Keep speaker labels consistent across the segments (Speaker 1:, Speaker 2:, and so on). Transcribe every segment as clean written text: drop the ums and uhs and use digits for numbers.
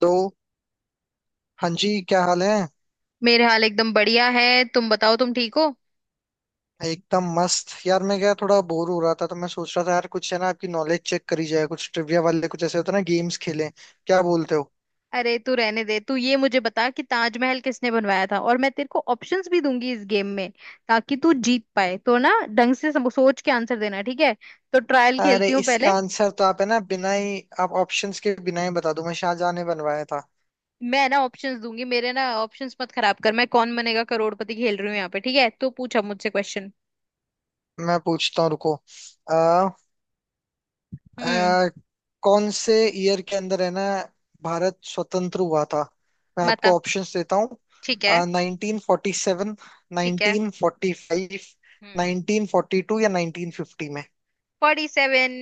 Speaker 1: तो हाँ जी, क्या हाल है?
Speaker 2: मेरे हाल एकदम बढ़िया है। तुम बताओ, तुम ठीक हो?
Speaker 1: एकदम मस्त यार। मैं क्या, थोड़ा बोर हो रहा था तो मैं सोच रहा था यार, कुछ है ना, आपकी नॉलेज चेक करी जाए, कुछ ट्रिविया वाले, कुछ ऐसे होता है ना, गेम्स खेलें। क्या बोलते हो?
Speaker 2: अरे तू रहने दे। तू ये मुझे बता कि ताजमहल किसने बनवाया था, और मैं तेरे को ऑप्शंस भी दूंगी इस गेम में ताकि तू जीत पाए, तो ना ढंग से सोच के आंसर देना, ठीक है? तो ट्रायल
Speaker 1: अरे,
Speaker 2: खेलती हूँ पहले।
Speaker 1: इसका आंसर तो आप है ना बिना ही, आप ऑप्शंस के बिना ही बता दो, मैं शाहजहां ने बनवाया था।
Speaker 2: मैं ना ऑप्शंस दूंगी, मेरे ना ऑप्शंस मत खराब कर। मैं कौन बनेगा करोड़पति खेल रही हूँ यहाँ पे, ठीक है? तो पूछा मुझसे क्वेश्चन।
Speaker 1: मैं पूछता हूँ, रुको।
Speaker 2: हम्म।
Speaker 1: अ, कौन से ईयर के अंदर है ना, भारत स्वतंत्र हुआ था? मैं आपको
Speaker 2: बता।
Speaker 1: ऑप्शंस देता हूँ।
Speaker 2: ठीक है।
Speaker 1: 1947,
Speaker 2: ठीक है।
Speaker 1: 1945,
Speaker 2: हम्म।
Speaker 1: 1942 या 1950 में?
Speaker 2: 47।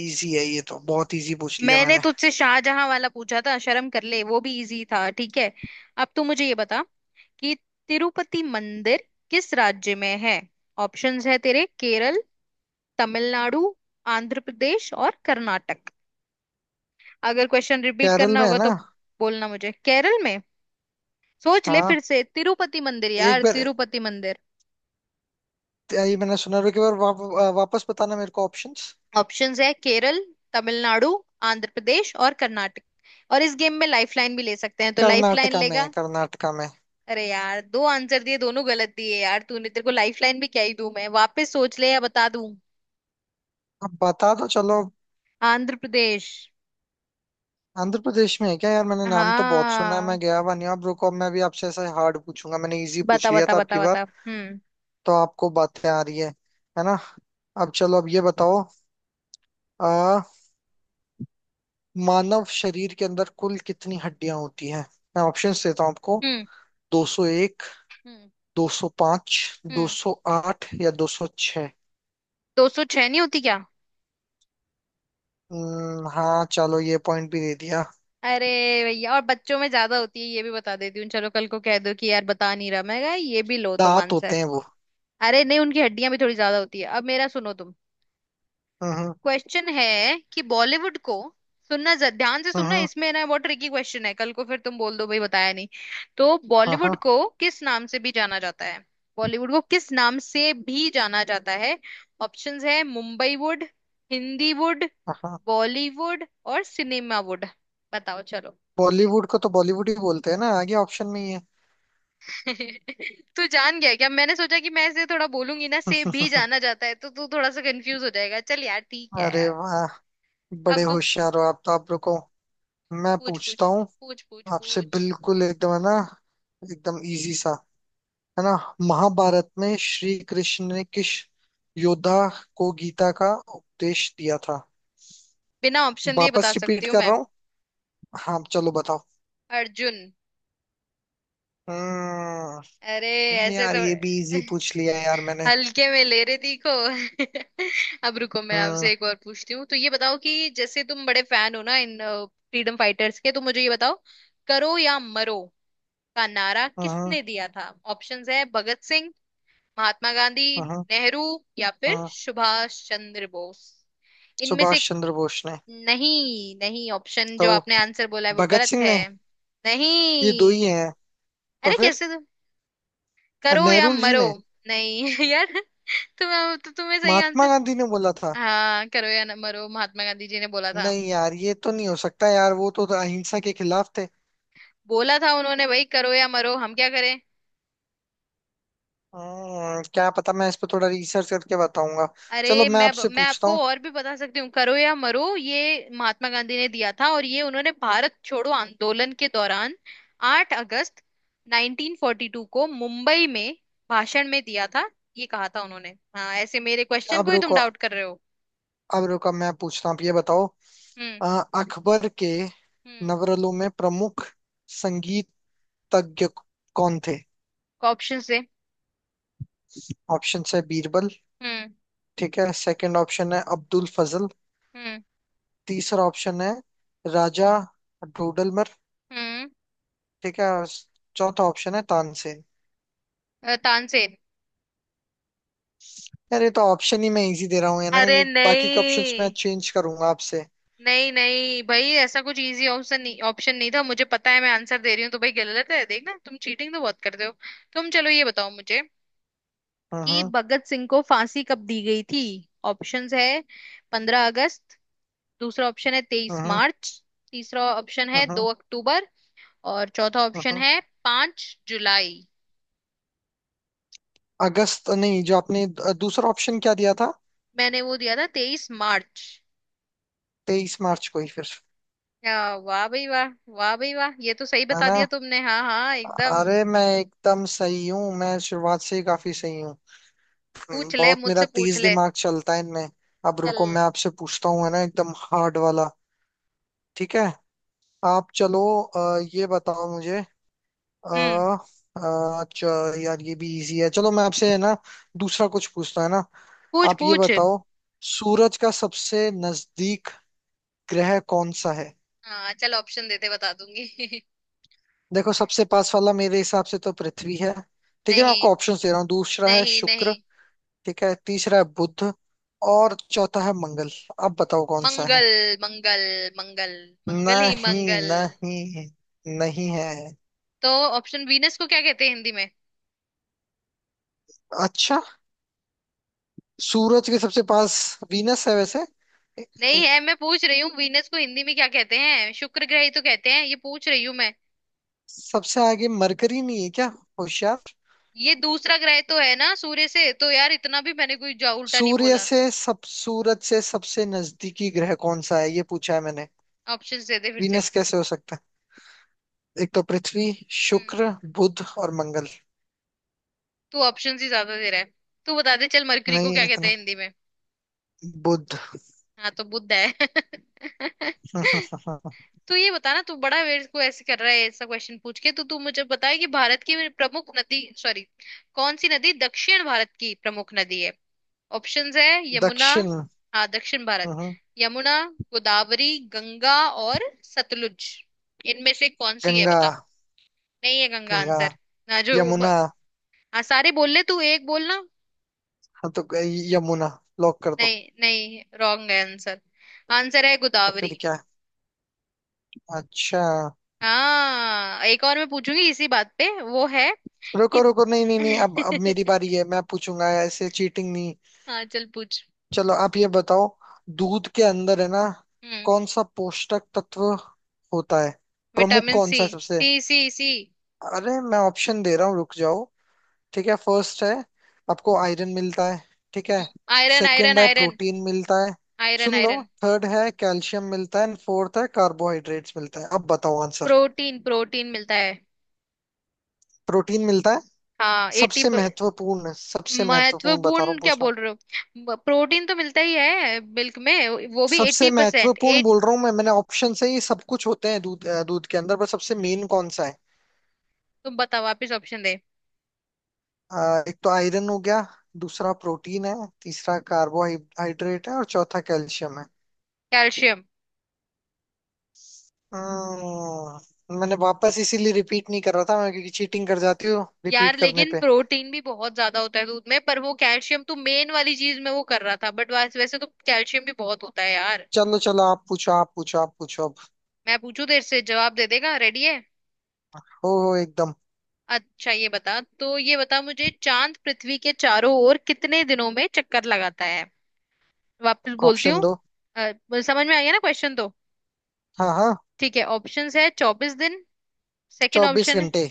Speaker 1: इजी है, ये तो बहुत इजी पूछ लिया
Speaker 2: मैंने
Speaker 1: मैंने।
Speaker 2: तुझसे शाहजहां वाला पूछा था, शर्म कर ले, वो भी इजी था। ठीक है, अब तू मुझे ये बता कि तिरुपति मंदिर किस राज्य में है। ऑप्शंस है तेरे: केरल, तमिलनाडु, आंध्र प्रदेश और कर्नाटक। अगर क्वेश्चन रिपीट
Speaker 1: केरल
Speaker 2: करना
Speaker 1: में है
Speaker 2: होगा
Speaker 1: ना।
Speaker 2: तो बोलना मुझे। केरल में? सोच ले फिर
Speaker 1: हाँ,
Speaker 2: से। तिरुपति मंदिर
Speaker 1: एक
Speaker 2: यार,
Speaker 1: बार
Speaker 2: तिरुपति मंदिर।
Speaker 1: ये मैंने सुना, रुके बार वापस बताना मेरे को ऑप्शंस।
Speaker 2: ऑप्शंस है केरल, तमिलनाडु, आंध्र प्रदेश और कर्नाटक। और इस गेम में लाइफलाइन भी ले सकते हैं, तो लाइफलाइन
Speaker 1: कर्नाटका में है,
Speaker 2: लेगा?
Speaker 1: कर्नाटका में।
Speaker 2: अरे यार, दो आंसर दिए, दोनों गलत दिए यार तूने। तेरे को लाइफलाइन भी क्या ही दूं मैं। वापस सोच ले या बता दूं?
Speaker 1: अब बता दो, चलो।
Speaker 2: आंध्र प्रदेश।
Speaker 1: आंध्र प्रदेश में है क्या यार? मैंने नाम तो बहुत सुना है, मैं
Speaker 2: हाँ,
Speaker 1: गया हुआ नहीं हूँ। अब रुको, अब मैं भी आपसे ऐसा हार्ड पूछूंगा, मैंने इजी पूछ
Speaker 2: बता
Speaker 1: लिया
Speaker 2: बता
Speaker 1: था आपकी
Speaker 2: बता बता।
Speaker 1: बार।
Speaker 2: हम्म,
Speaker 1: तो आपको बातें आ रही है ना? अब चलो, अब ये बताओ। आ, मानव शरीर के अंदर कुल कितनी हड्डियां होती हैं? मैं ऑप्शंस देता हूँ आपको।
Speaker 2: हम्म,
Speaker 1: 201,
Speaker 2: हम्म,
Speaker 1: 205,
Speaker 2: हम्म।
Speaker 1: 208 या 206?
Speaker 2: 206 नहीं होती क्या?
Speaker 1: हाँ, चलो, ये पॉइंट भी दे दिया।
Speaker 2: अरे भैया, और बच्चों में ज्यादा होती है, ये भी बता देती हूँ। चलो, कल को कह दो कि यार बता नहीं रहा, मैं कहा, ये भी लो तुम
Speaker 1: दांत
Speaker 2: आंसर।
Speaker 1: होते हैं वो।
Speaker 2: अरे नहीं, उनकी हड्डियां भी थोड़ी ज्यादा होती है। अब मेरा सुनो तुम।
Speaker 1: हम्म, हम्म।
Speaker 2: क्वेश्चन है कि बॉलीवुड को सुनना, ध्यान से सुनना,
Speaker 1: हम्म,
Speaker 2: इसमें ना बहुत ट्रिकी क्वेश्चन है, कल को फिर तुम बोल दो भाई बताया नहीं। तो
Speaker 1: हाँ,
Speaker 2: बॉलीवुड
Speaker 1: हाँ,
Speaker 2: को किस नाम से भी जाना जाता है? बॉलीवुड को किस नाम से भी जाना जाता है? ऑप्शंस है मुंबई वुड, हिंदी वुड,
Speaker 1: हाँ, हाँ।
Speaker 2: बॉलीवुड और सिनेमा वुड। बताओ चलो।
Speaker 1: बॉलीवुड को तो बॉलीवुड ही बोलते हैं ना, आगे ऑप्शन में ही है।
Speaker 2: तू जान गया क्या? मैंने सोचा कि मैं इसे थोड़ा बोलूंगी "ना से भी जाना जाता है" तो तू थोड़ा सा कंफ्यूज हो जाएगा। चल यार, ठीक है
Speaker 1: अरे
Speaker 2: यार।
Speaker 1: वाह, बड़े
Speaker 2: अब तू
Speaker 1: होशियार हो आप तो। आप रुको, मैं
Speaker 2: पूछ,
Speaker 1: पूछता
Speaker 2: पूछ
Speaker 1: हूँ
Speaker 2: पूछ पूछ
Speaker 1: आपसे,
Speaker 2: पूछ।
Speaker 1: बिल्कुल एकदम, है ना, एकदम इजी सा, है ना। महाभारत में श्री कृष्ण ने किस योद्धा को गीता का उपदेश दिया था?
Speaker 2: बिना ऑप्शन दिए
Speaker 1: वापस
Speaker 2: बता
Speaker 1: रिपीट
Speaker 2: सकती हूँ
Speaker 1: कर
Speaker 2: मैं?
Speaker 1: रहा हूँ। हाँ, चलो बताओ।
Speaker 2: अर्जुन।
Speaker 1: हम्म।
Speaker 2: अरे ऐसे
Speaker 1: यार
Speaker 2: तो
Speaker 1: ये भी इजी पूछ लिया यार मैंने।
Speaker 2: हल्के में ले रही थी को। अब रुको, मैं
Speaker 1: हम्म,
Speaker 2: आपसे एक और पूछती हूँ। तो ये बताओ कि जैसे तुम बड़े फैन हो ना इन फ्रीडम फाइटर्स के, तो मुझे ये बताओ: करो या मरो का नारा
Speaker 1: हम्म,
Speaker 2: किसने दिया था? ऑप्शंस है भगत सिंह, महात्मा गांधी,
Speaker 1: हम्म,
Speaker 2: नेहरू या फिर
Speaker 1: हम्म।
Speaker 2: सुभाष चंद्र बोस। इनमें से।
Speaker 1: सुभाष चंद्र बोस ने।
Speaker 2: नहीं नहीं, ऑप्शन
Speaker 1: तो
Speaker 2: जो आपने आंसर बोला है वो
Speaker 1: भगत
Speaker 2: गलत
Speaker 1: सिंह
Speaker 2: है।
Speaker 1: ने। ये दो ही
Speaker 2: नहीं।
Speaker 1: हैं। तो
Speaker 2: अरे
Speaker 1: फिर।
Speaker 2: कैसे तो? करो या
Speaker 1: नेहरू जी
Speaker 2: मरो।
Speaker 1: ने।
Speaker 2: नहीं, यार तुम्हें तो, तुम्हें सही
Speaker 1: महात्मा
Speaker 2: आंसर।
Speaker 1: गांधी ने बोला था।
Speaker 2: हाँ, करो या न मरो महात्मा गांधी जी ने बोला था।
Speaker 1: नहीं यार, ये तो नहीं हो सकता यार, वो तो अहिंसा के खिलाफ थे।
Speaker 2: बोला था उन्होंने भाई, करो या मरो, हम क्या करें?
Speaker 1: क्या पता, मैं इस पे थोड़ा रिसर्च करके बताऊंगा। चलो,
Speaker 2: अरे
Speaker 1: मैं
Speaker 2: मैं
Speaker 1: आपसे
Speaker 2: मैं
Speaker 1: पूछता
Speaker 2: आपको
Speaker 1: हूँ।
Speaker 2: और भी बता सकती हूँ। करो या मरो ये महात्मा गांधी ने दिया था, और ये उन्होंने भारत छोड़ो आंदोलन के दौरान 8 अगस्त 1942 को मुंबई में भाषण में दिया था। ये कहा था उन्होंने। हाँ, ऐसे मेरे क्वेश्चन
Speaker 1: अब
Speaker 2: को ही तुम
Speaker 1: रुको,
Speaker 2: डाउट कर रहे हो।
Speaker 1: अब रुको, मैं पूछता हूँ। आप ये बताओ,
Speaker 2: हम्म।
Speaker 1: अ, अकबर के
Speaker 2: हम्म।
Speaker 1: नवरलों में प्रमुख संगीतज्ञ कौन थे?
Speaker 2: ऑप्शन से।
Speaker 1: ऑप्शंस है बीरबल।
Speaker 2: हम्म।
Speaker 1: ठीक है, सेकंड ऑप्शन है अब्दुल फजल।
Speaker 2: हम्म।
Speaker 1: तीसरा ऑप्शन है राजा डोडलमर।
Speaker 2: हम्म।
Speaker 1: ठीक है, और चौथा ऑप्शन है तानसेन।
Speaker 2: तानसेन।
Speaker 1: यार ये तो ऑप्शन ही मैं इजी दे रहा हूँ, है ना,
Speaker 2: अरे
Speaker 1: ये बाकी के ऑप्शंस मैं
Speaker 2: नहीं।
Speaker 1: चेंज करूंगा आपसे।
Speaker 2: नहीं नहीं भाई, ऐसा कुछ इजी ऑप्शन नहीं, ऑप्शन नहीं था। मुझे पता है, मैं आंसर दे रही हूँ तो भाई गलत है। देखना, तुम चीटिंग तो बहुत करते हो। तुम चलो ये बताओ मुझे कि
Speaker 1: हाँ,
Speaker 2: भगत सिंह को फांसी कब दी गई थी। ऑप्शंस है 15 अगस्त, दूसरा ऑप्शन है तेईस
Speaker 1: हाँ,
Speaker 2: मार्च तीसरा ऑप्शन है
Speaker 1: हाँ,
Speaker 2: 2 अक्टूबर, और चौथा ऑप्शन
Speaker 1: हाँ।
Speaker 2: है 5 जुलाई।
Speaker 1: अगस्त नहीं। जो आपने दूसरा ऑप्शन क्या दिया था?
Speaker 2: मैंने वो दिया था 23 मार्च।
Speaker 1: 23 मार्च को ही फिर।
Speaker 2: वाह भाई वाह, वाह भाई वाह! ये तो सही
Speaker 1: है
Speaker 2: बता
Speaker 1: ना।
Speaker 2: दिया तुमने, हाँ हाँ एकदम।
Speaker 1: अरे मैं एकदम सही हूँ, मैं शुरुआत से ही काफी सही हूँ।
Speaker 2: पूछ ले
Speaker 1: बहुत मेरा
Speaker 2: मुझसे, पूछ
Speaker 1: तेज
Speaker 2: ले।
Speaker 1: दिमाग चलता है इनमें। अब
Speaker 2: चल।
Speaker 1: रुको, मैं आपसे पूछता हूँ, है ना, एकदम हार्ड वाला। ठीक है। आप चलो। अ, ये बताओ मुझे। आ,
Speaker 2: हम्म।
Speaker 1: यार ये भी इजी है, चलो मैं आपसे, है ना, दूसरा कुछ पूछता हूं, है ना।
Speaker 2: पूछ
Speaker 1: आप ये
Speaker 2: पूछ।
Speaker 1: बताओ, सूरज का सबसे नजदीक ग्रह कौन सा है?
Speaker 2: हाँ चल, ऑप्शन देते बता दूंगी।
Speaker 1: देखो, सबसे पास वाला मेरे हिसाब से तो पृथ्वी है। ठीक है, मैं
Speaker 2: नहीं,
Speaker 1: आपको ऑप्शंस दे रहा हूँ। दूसरा है
Speaker 2: नहीं
Speaker 1: शुक्र।
Speaker 2: नहीं।
Speaker 1: ठीक है, तीसरा है बुध। और चौथा है मंगल। आप बताओ कौन सा है?
Speaker 2: मंगल, मंगल, मंगल, मंगल ही
Speaker 1: नहीं,
Speaker 2: मंगल।
Speaker 1: नहीं। नहीं है।
Speaker 2: तो ऑप्शन वीनस को क्या कहते हैं हिंदी में?
Speaker 1: अच्छा। सूरज के सबसे पास वीनस है वैसे। इ-
Speaker 2: नहीं
Speaker 1: इ-
Speaker 2: है। मैं पूछ रही हूँ वीनस को हिंदी में क्या कहते हैं? शुक्र ग्रह ही तो कहते हैं, ये पूछ रही हूँ मैं।
Speaker 1: सबसे आगे मरकरी नहीं है क्या? होशियार।
Speaker 2: ये दूसरा ग्रह तो है ना सूर्य से, तो यार इतना भी मैंने कोई जा उल्टा नहीं
Speaker 1: सूर्य
Speaker 2: बोला।
Speaker 1: से सब सूरज से सबसे नजदीकी ग्रह कौन सा है, ये पूछा है मैंने।
Speaker 2: ऑप्शन दे दे फिर से।
Speaker 1: वीनस कैसे हो सकता है? एक तो पृथ्वी,
Speaker 2: हम्म।
Speaker 1: शुक्र, बुध और मंगल।
Speaker 2: तू ऑप्शन ही ज्यादा दे रहा है। तू बता दे चल, मरकरी को
Speaker 1: नहीं
Speaker 2: क्या कहते
Speaker 1: इतना।
Speaker 2: हैं हिंदी में?
Speaker 1: बुध।
Speaker 2: हाँ तो बुद्ध है। तो ये बता ना, तू बड़ा मेरे को ऐसे कर रहा है ऐसा क्वेश्चन पूछ के। तो तू मुझे बता कि भारत की प्रमुख नदी सॉरी, कौन सी नदी दक्षिण भारत की प्रमुख नदी है? ऑप्शंस है यमुना।
Speaker 1: दक्षिण।
Speaker 2: हाँ, दक्षिण भारत।
Speaker 1: हम्म,
Speaker 2: यमुना, गोदावरी, गंगा और सतलुज। इनमें से कौन सी है,
Speaker 1: गंगा।
Speaker 2: बता? नहीं है गंगा
Speaker 1: गंगा।
Speaker 2: आंसर। ना
Speaker 1: यमुना।
Speaker 2: हाँ, सारे बोल ले तू, एक बोलना।
Speaker 1: हाँ, तो यमुना लॉक कर दो।
Speaker 2: नहीं नहीं, रॉन्ग है आंसर। आंसर है
Speaker 1: तो
Speaker 2: गोदावरी।
Speaker 1: फिर क्या है? अच्छा।
Speaker 2: हाँ, एक और मैं पूछूंगी इसी बात पे वो है कि।
Speaker 1: रुको, रुको, नहीं, नहीं, नहीं, अब मेरी बारी है, मैं पूछूंगा, ऐसे चीटिंग नहीं।
Speaker 2: हाँ चल पूछ।
Speaker 1: चलो, आप ये बताओ। दूध के अंदर है ना,
Speaker 2: हम्म।
Speaker 1: कौन सा पोषक तत्व होता है, प्रमुख
Speaker 2: विटामिन
Speaker 1: कौन
Speaker 2: सी,
Speaker 1: सा है सबसे?
Speaker 2: सी सी सी।
Speaker 1: अरे मैं ऑप्शन दे रहा हूँ, रुक जाओ। ठीक है, फर्स्ट है आपको आयरन मिलता है। ठीक है,
Speaker 2: हम्म, आयरन आयरन
Speaker 1: सेकंड है
Speaker 2: आयरन
Speaker 1: प्रोटीन मिलता है।
Speaker 2: आयरन
Speaker 1: सुन लो,
Speaker 2: आयरन।
Speaker 1: थर्ड है कैल्शियम मिलता है एंड फोर्थ है कार्बोहाइड्रेट्स मिलता है। अब बताओ आंसर।
Speaker 2: प्रोटीन, प्रोटीन मिलता है।
Speaker 1: प्रोटीन मिलता है।
Speaker 2: हाँ 80।
Speaker 1: सबसे महत्वपूर्ण, सबसे महत्वपूर्ण बता रहा
Speaker 2: महत्वपूर्ण
Speaker 1: हूँ,
Speaker 2: क्या
Speaker 1: पूछ रहा हूँ।
Speaker 2: बोल रहे हो? प्रोटीन तो मिलता ही है मिल्क में, वो भी
Speaker 1: सबसे
Speaker 2: 80%
Speaker 1: महत्वपूर्ण
Speaker 2: एट।
Speaker 1: बोल रहा हूँ मैं। मैंने ऑप्शन से ही सब कुछ होते हैं दूध, दूध के अंदर पर सबसे मेन कौन सा है?
Speaker 2: तुम बताओ वापिस, ऑप्शन दे।
Speaker 1: एक तो आयरन हो गया, दूसरा प्रोटीन है, तीसरा कार्बोहाइड्रेट है और चौथा कैल्शियम है।
Speaker 2: कैल्शियम।
Speaker 1: मैंने वापस इसीलिए रिपीट नहीं कर रहा था मैं, क्योंकि चीटिंग कर जाती हूँ रिपीट
Speaker 2: यार
Speaker 1: करने
Speaker 2: लेकिन
Speaker 1: पे।
Speaker 2: प्रोटीन भी बहुत ज्यादा होता है दूध में, पर वो कैल्शियम तो मेन वाली चीज में वो कर रहा था, बट वैसे वैसे तो कैल्शियम भी बहुत होता है यार।
Speaker 1: चलो, चलो, आप पूछो, आप पूछो, आप पूछो अब।
Speaker 2: मैं पूछू तेरे से, जवाब दे देगा? रेडी है?
Speaker 1: हो, एकदम।
Speaker 2: अच्छा ये बता, तो ये बता मुझे चांद पृथ्वी के चारों ओर कितने दिनों में चक्कर लगाता है? वापस बोलती
Speaker 1: ऑप्शन
Speaker 2: हूँ।
Speaker 1: दो।
Speaker 2: अ, समझ में आ गया ना क्वेश्चन तो?
Speaker 1: हाँ, हाँ।
Speaker 2: ठीक है, ऑप्शंस है 24 दिन, सेकंड
Speaker 1: चौबीस
Speaker 2: ऑप्शन है।
Speaker 1: घंटे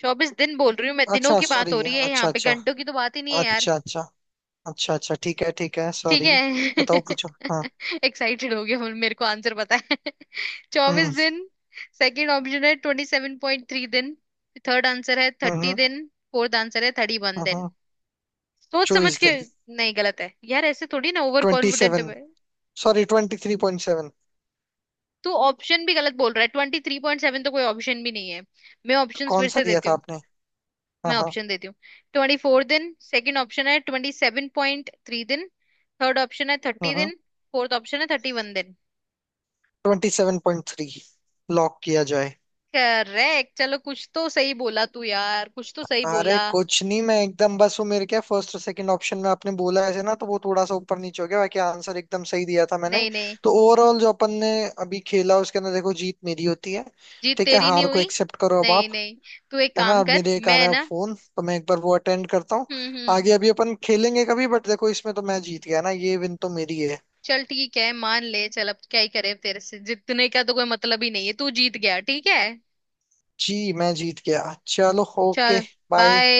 Speaker 2: 24 दिन बोल रही हूँ मैं, दिनों
Speaker 1: अच्छा,
Speaker 2: की बात
Speaker 1: सॉरी,
Speaker 2: हो रही है
Speaker 1: अच्छा,
Speaker 2: यहाँ पे,
Speaker 1: अच्छा।
Speaker 2: घंटों की तो बात ही नहीं है यार।
Speaker 1: अच्छा, अच्छा। अच्छा, अच्छा, ठीक है, ठीक है,
Speaker 2: ठीक
Speaker 1: सॉरी।
Speaker 2: है।
Speaker 1: बताओ, पूछो, हाँ।
Speaker 2: एक्साइटेड हो गया, मेरे को आंसर पता है। चौबीस
Speaker 1: हम्म,
Speaker 2: दिन सेकंड ऑप्शन है 27.3 दिन, थर्ड आंसर है थर्टी
Speaker 1: हम्म,
Speaker 2: दिन फोर्थ आंसर है थर्टी वन
Speaker 1: हम्म।
Speaker 2: दिन सोच समझ
Speaker 1: चौबीस
Speaker 2: के।
Speaker 1: दिन
Speaker 2: नहीं गलत है यार, ऐसे थोड़ी ना ओवर
Speaker 1: ट्वेंटी
Speaker 2: कॉन्फिडेंट
Speaker 1: सेवन
Speaker 2: में।
Speaker 1: सॉरी, 23.7।
Speaker 2: तू ऑप्शन भी गलत बोल रहा है, 23.7 तो कोई ऑप्शन भी नहीं है। मैं
Speaker 1: तो
Speaker 2: ऑप्शन
Speaker 1: कौन
Speaker 2: फिर
Speaker 1: सा
Speaker 2: से
Speaker 1: दिया
Speaker 2: देती
Speaker 1: था
Speaker 2: हूँ।
Speaker 1: आपने? हाँ,
Speaker 2: मैं
Speaker 1: हाँ।
Speaker 2: ऑप्शन देती हूँ: 24 दिन, सेकंड ऑप्शन है ट्वेंटी सेवन पॉइंट थ्री दिन, थर्ड ऑप्शन है थर्टी
Speaker 1: हम्म।
Speaker 2: दिन फोर्थ ऑप्शन है 31 दिन।
Speaker 1: 27.3 लॉक किया जाए।
Speaker 2: करेक्ट, चलो कुछ तो सही बोला तू यार, कुछ तो सही
Speaker 1: अरे
Speaker 2: बोला।
Speaker 1: कुछ नहीं, मैं एकदम बस, वो मेरे क्या फर्स्ट और सेकंड ऑप्शन में आपने बोला ऐसे ना, तो वो थोड़ा सा ऊपर नीचे हो गया, बाकी आंसर एकदम सही दिया था मैंने।
Speaker 2: नहीं नहीं,
Speaker 1: तो ओवरऑल जो अपन ने अभी खेला उसके अंदर देखो, जीत मेरी होती है।
Speaker 2: जीत
Speaker 1: ठीक है,
Speaker 2: तेरी नहीं
Speaker 1: हार को
Speaker 2: हुई।
Speaker 1: एक्सेप्ट करो अब
Speaker 2: नहीं
Speaker 1: आप।
Speaker 2: नहीं, तू एक
Speaker 1: है ना,
Speaker 2: काम
Speaker 1: और
Speaker 2: कर,
Speaker 1: मेरे एक आ
Speaker 2: मैं
Speaker 1: रहा है
Speaker 2: ना।
Speaker 1: फोन, तो मैं एक बार वो अटेंड करता हूँ।
Speaker 2: हम्म।
Speaker 1: आगे अभी अपन खेलेंगे कभी, बट देखो इसमें तो मैं जीत गया ना, ये विन तो मेरी है।
Speaker 2: चल ठीक है, मान ले चल, अब क्या ही करे, तेरे से जीतने का तो कोई मतलब ही नहीं है, तू जीत गया ठीक है।
Speaker 1: जी, मैं जीत गया, चलो। ओके।
Speaker 2: चल,
Speaker 1: बाय।
Speaker 2: बाय।